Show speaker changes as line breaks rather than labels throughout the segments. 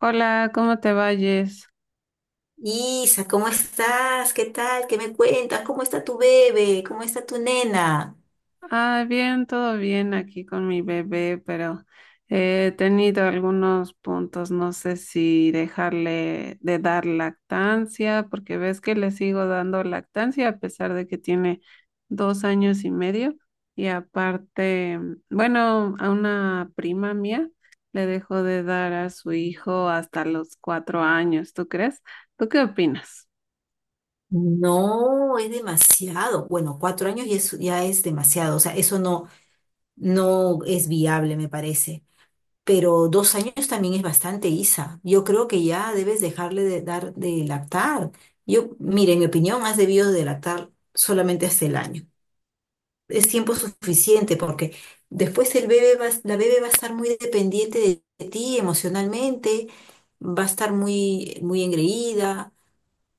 Hola, ¿cómo te vayas?
Isa, ¿cómo estás? ¿Qué tal? ¿Qué me cuentas? ¿Cómo está tu bebé? ¿Cómo está tu nena?
Ah, bien, todo bien aquí con mi bebé, pero he tenido algunos puntos, no sé si dejarle de dar lactancia, porque ves que le sigo dando lactancia a pesar de que tiene 2 años y medio. Y aparte, bueno, a una prima mía le dejó de dar a su hijo hasta los 4 años, ¿tú crees? ¿Tú qué opinas?
No, es demasiado. Bueno, 4 años ya es, demasiado. O sea, eso no, es viable, me parece. Pero 2 años también es bastante, Isa. Yo creo que ya debes dejarle de dar de lactar. Yo, mire, en mi opinión, has debido de lactar solamente hasta el año. Es tiempo suficiente porque después el bebé va, a- la bebé va a estar muy dependiente de ti emocionalmente, va a estar muy, muy engreída.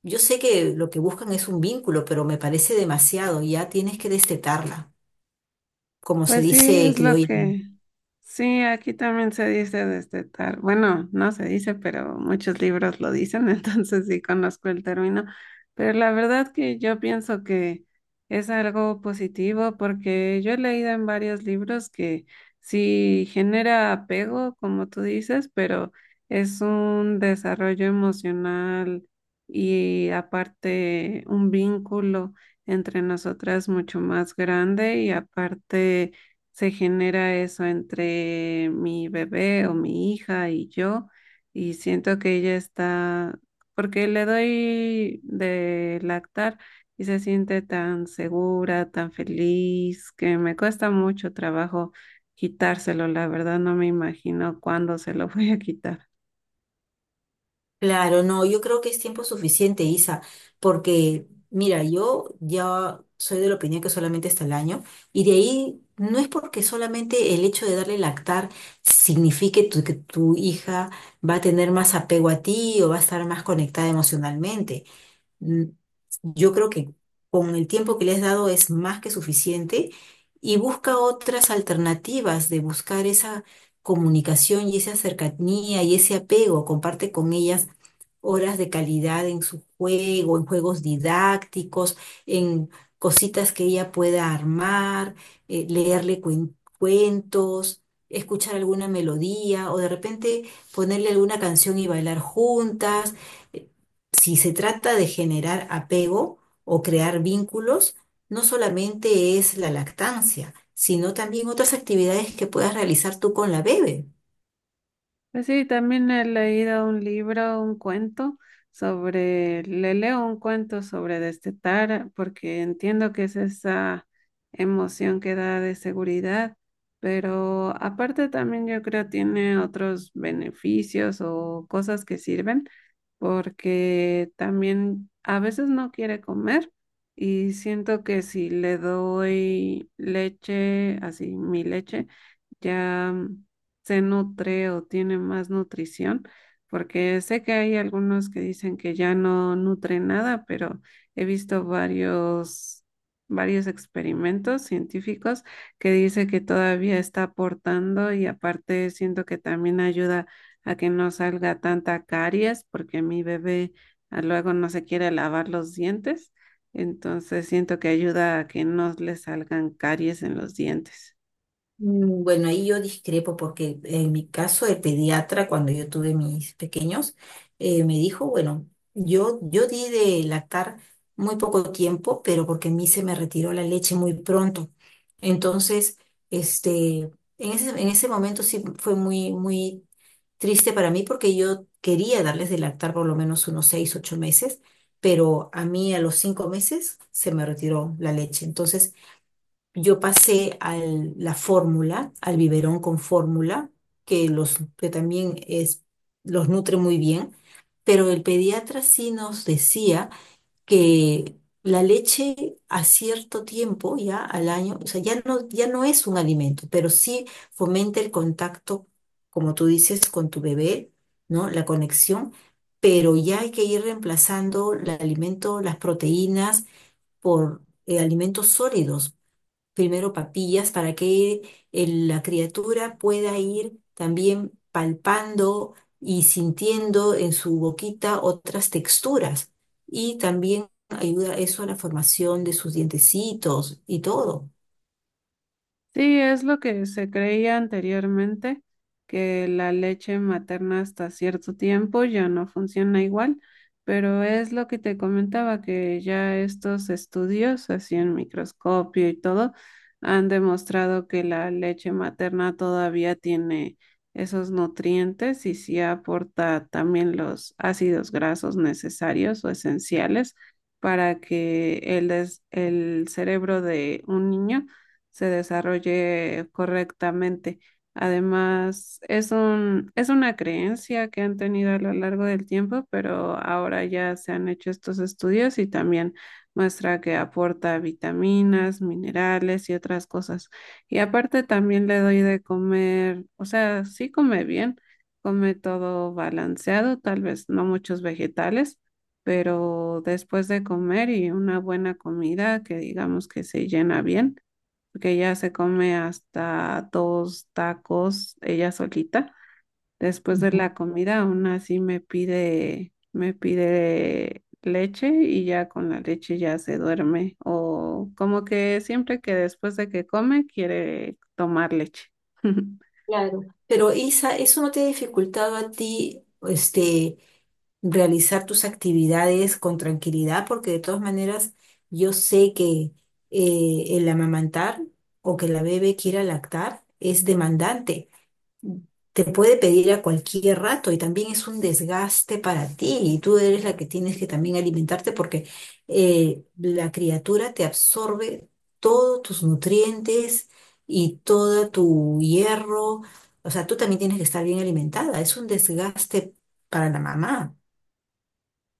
Yo sé que lo que buscan es un vínculo, pero me parece demasiado. Ya tienes que destetarla, como se
Pues sí,
dice
es lo
criollo.
que sí, aquí también se dice destetar. Bueno, no se dice, pero muchos libros lo dicen, entonces sí conozco el término. Pero la verdad que yo pienso que es algo positivo porque yo he leído en varios libros que sí genera apego, como tú dices, pero es un desarrollo emocional y aparte un vínculo entre nosotras mucho más grande y aparte se genera eso entre mi bebé o mi hija y yo, y siento que ella está, porque le doy de lactar y se siente tan segura, tan feliz, que me cuesta mucho trabajo quitárselo. La verdad no me imagino cuándo se lo voy a quitar.
Claro, no, yo creo que es tiempo suficiente, Isa, porque mira, yo ya soy de la opinión que solamente hasta el año, y de ahí no, es porque solamente el hecho de darle lactar signifique que tu hija va a tener más apego a ti o va a estar más conectada emocionalmente. mm, yo creo que con el tiempo que le has dado es más que suficiente y busca otras alternativas de buscar esa comunicación y esa cercanía y ese apego. Comparte con ellas horas de calidad en su juego, en juegos didácticos, en cositas que ella pueda armar, leerle cuentos. Escuchar alguna melodía o de repente ponerle alguna canción y bailar juntas. eh, si se trata de generar apego o crear vínculos, no solamente es la lactancia, sino también otras actividades que puedas realizar tú con la bebé.
Pues sí, también he leído un libro, un cuento sobre, le leo un cuento sobre destetar, porque entiendo que es esa emoción que da de seguridad, pero aparte también yo creo tiene otros beneficios o cosas que sirven porque también a veces no quiere comer y siento que si le doy leche, así mi leche, ya se nutre o tiene más nutrición, porque sé que hay algunos que dicen que ya no nutre nada, pero he visto varios... varios experimentos científicos que dice que todavía está aportando y aparte siento que también ayuda a que no salga tanta caries, porque mi bebé luego no se quiere lavar los dientes. Entonces siento que ayuda a que no le salgan caries en los dientes.
Bueno, ahí yo discrepo porque en mi caso el pediatra, cuando yo tuve mis pequeños, me dijo, bueno, yo di de lactar muy poco tiempo, pero porque a mí se me retiró la leche muy pronto. Entonces, este, en ese momento sí fue muy, muy triste para mí porque yo quería darles de lactar por lo menos unos 6, 8 meses, pero a mí a los 5 meses se me retiró la leche. Entonces, yo pasé a la fórmula, al biberón con fórmula, que, los, que también es, los nutre muy bien, pero el pediatra sí nos decía que la leche a cierto tiempo, ya al año, o sea, ya no es un alimento, pero sí fomenta el contacto, como tú dices, con tu bebé, ¿no? La conexión, pero ya hay que ir reemplazando el alimento, las proteínas, por alimentos sólidos, primero papillas para que la criatura pueda ir también palpando y sintiendo en su boquita otras texturas. Y también ayuda eso a la formación de sus dientecitos y todo.
Sí, es lo que se creía anteriormente, que la leche materna hasta cierto tiempo ya no funciona igual, pero es lo que te comentaba, que ya estos estudios, así en microscopio y todo, han demostrado que la leche materna todavía tiene esos nutrientes y sí aporta también los ácidos grasos necesarios o esenciales para que el cerebro de un niño se desarrolle correctamente. Además, es una creencia que han tenido a lo largo del tiempo, pero ahora ya se han hecho estos estudios y también muestra que aporta vitaminas, minerales y otras cosas. Y aparte también le doy de comer, o sea, sí come bien, come todo balanceado, tal vez no muchos vegetales, pero después de comer y una buena comida que digamos que se llena bien porque ella se come hasta 2 tacos ella solita. Después de
Ujú.
la comida, aún así me pide leche y ya con la leche ya se duerme. O como que siempre que después de que come quiere tomar leche.
Claro. Pero Isa, ¿eso no te ha dificultado a ti, este, realizar tus actividades con tranquilidad? Porque de todas maneras yo sé que el amamantar o que la bebé quiera lactar es demandante. Te puede pedir a cualquier rato y también es un desgaste para ti, y tú eres la que tienes que también alimentarte porque la criatura te absorbe todos tus nutrientes y todo tu hierro. O sea, tú también tienes que estar bien alimentada. Es un desgaste para la mamá.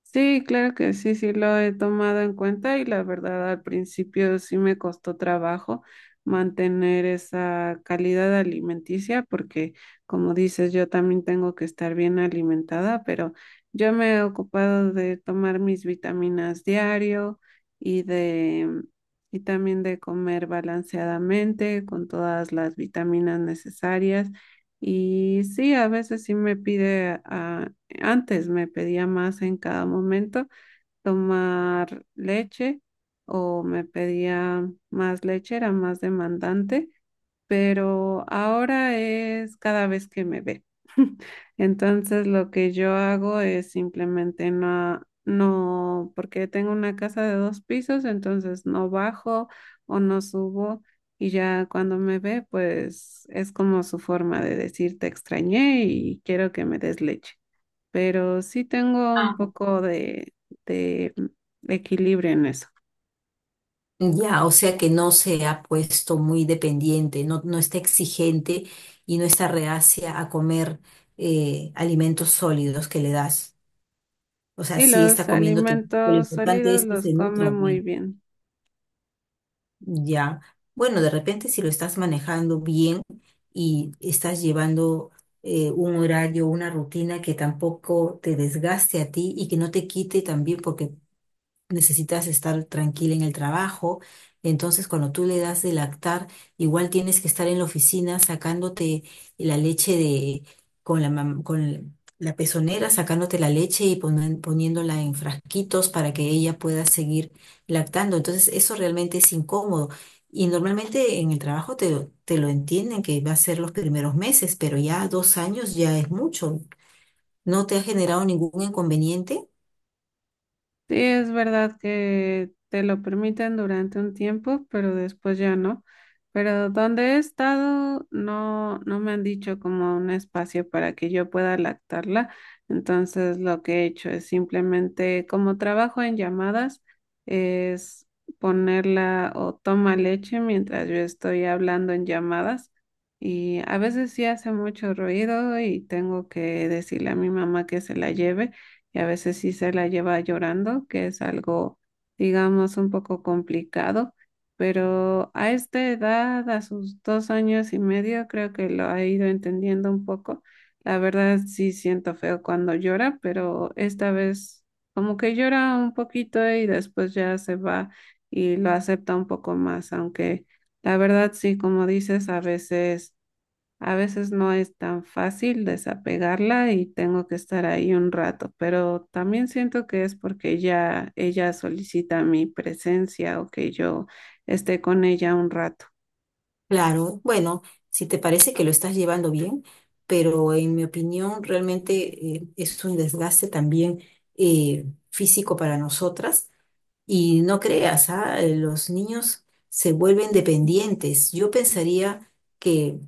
Sí, claro que sí, sí lo he tomado en cuenta y la verdad al principio sí me costó trabajo mantener esa calidad alimenticia porque como dices yo también tengo que estar bien alimentada, pero yo me he ocupado de tomar mis vitaminas diario y de y también de comer balanceadamente con todas las vitaminas necesarias. Y sí, a veces sí me pide antes me pedía más en cada momento tomar leche o me pedía más leche, era más demandante, pero ahora es cada vez que me ve. Entonces lo que yo hago es simplemente no, no, porque tengo una casa de 2 pisos, entonces no bajo o no subo, y ya cuando me ve, pues es como su forma de decir te extrañé y quiero que me des leche, pero sí tengo un poco de equilibrio en eso.
Ya, o sea que no se ha puesto muy dependiente, no, no está exigente y no está reacia a comer alimentos sólidos que le das. O sea,
Sí,
sí
los
está comiendo, lo
alimentos
importante
sólidos
es que
los
se
come
nutra
muy
bien.
bien.
Ya, bueno, de repente si lo estás manejando bien y estás llevando un horario, una rutina que tampoco te desgaste a ti y que no te quite también, porque necesitas estar tranquila en el trabajo. Entonces, cuando tú le das de lactar, igual tienes que estar en la oficina sacándote la leche de, con la, con la pezonera, sacándote la leche y poniéndola en frasquitos para que ella pueda seguir lactando. Entonces, eso realmente es incómodo. Y normalmente en el trabajo te lo entienden que va a ser los primeros meses, pero ya 2 años ya es mucho. ¿No te ha generado ningún inconveniente?
Sí, es verdad que te lo permiten durante un tiempo, pero después ya no. Pero donde he estado, no, no me han dicho como un espacio para que yo pueda lactarla. Entonces, lo que he hecho es simplemente, como trabajo en llamadas, es ponerla o toma leche mientras yo estoy hablando en llamadas. Y a veces sí hace mucho ruido y tengo que decirle a mi mamá que se la lleve, y a veces sí se la lleva llorando, que es algo, digamos, un poco complicado, pero a esta edad, a sus 2 años y medio, creo que lo ha ido entendiendo un poco. La verdad sí siento feo cuando llora, pero esta vez como que llora un poquito y después ya se va y lo acepta un poco más, aunque la verdad sí, como dices, a veces no es tan fácil desapegarla y tengo que estar ahí un rato, pero también siento que es porque ya ella solicita mi presencia o que yo esté con ella un rato.
Claro, bueno, si te parece que lo estás llevando bien, pero en mi opinión realmente es un desgaste también eh, físico para nosotras. Y no creas, ah, los niños se vuelven dependientes. Yo pensaría que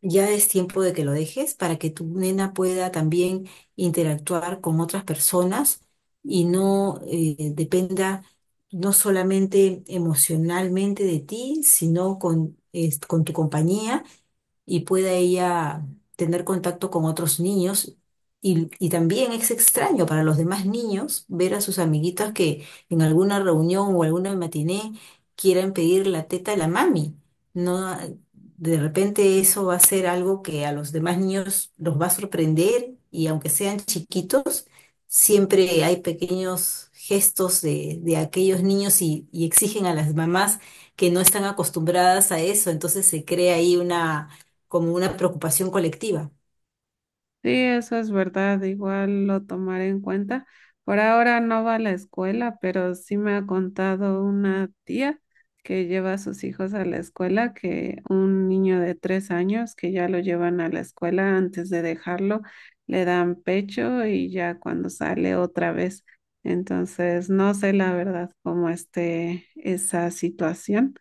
ya es tiempo de que lo dejes para que tu nena pueda también interactuar con otras personas y no dependa no solamente emocionalmente de ti, sino con tu compañía, y pueda ella tener contacto con otros niños. Y también es extraño para los demás niños ver a sus amiguitas que en alguna reunión o alguna matiné quieran pedir la teta de la mami. No, de repente eso va a ser algo que a los demás niños los va a sorprender, y aunque sean chiquitos, siempre hay pequeños gestos de aquellos niños, y exigen a las mamás que no están acostumbradas a eso, entonces se crea ahí una, como una preocupación colectiva.
Sí, eso es verdad, igual lo tomaré en cuenta. Por ahora no va a la escuela, pero sí me ha contado una tía que lleva a sus hijos a la escuela, que un niño de 3 años que ya lo llevan a la escuela antes de dejarlo, le dan pecho y ya cuando sale otra vez. Entonces, no sé la verdad cómo esté esa situación,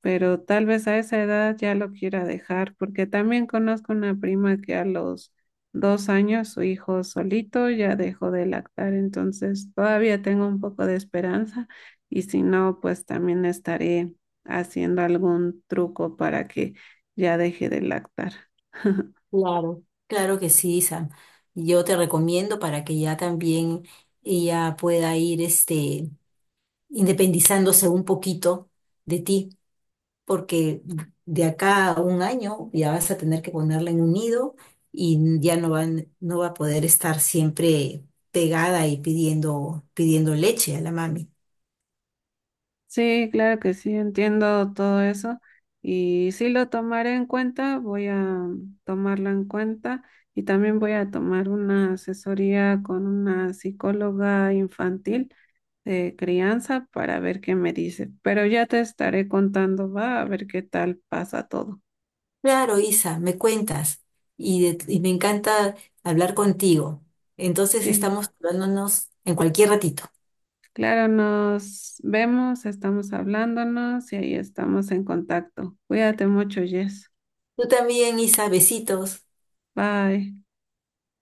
pero tal vez a esa edad ya lo quiera dejar, porque también conozco una prima que a los 2 años su hijo solito ya dejó de lactar, entonces todavía tengo un poco de esperanza, y si no, pues también estaré haciendo algún truco para que ya deje de lactar.
Claro. Claro que sí, Sam. Yo te recomiendo para que ya también ella pueda ir, este, independizándose un poquito de ti, porque de acá a un año ya vas a tener que ponerla en un nido y ya no va a poder estar siempre pegada y pidiendo, pidiendo leche a la mami.
Sí, claro que sí, entiendo todo eso y sí lo tomaré en cuenta, voy a tomarlo en cuenta y también voy a tomar una asesoría con una psicóloga infantil de crianza para ver qué me dice, pero ya te estaré contando, va a ver qué tal pasa todo.
Claro, Isa, me cuentas. Y me encanta hablar contigo. Entonces
Sí,
estamos hablándonos en cualquier ratito.
claro, nos vemos, estamos hablándonos y ahí estamos en contacto. Cuídate mucho, Jess.
Tú también, Isa, besitos.
Bye.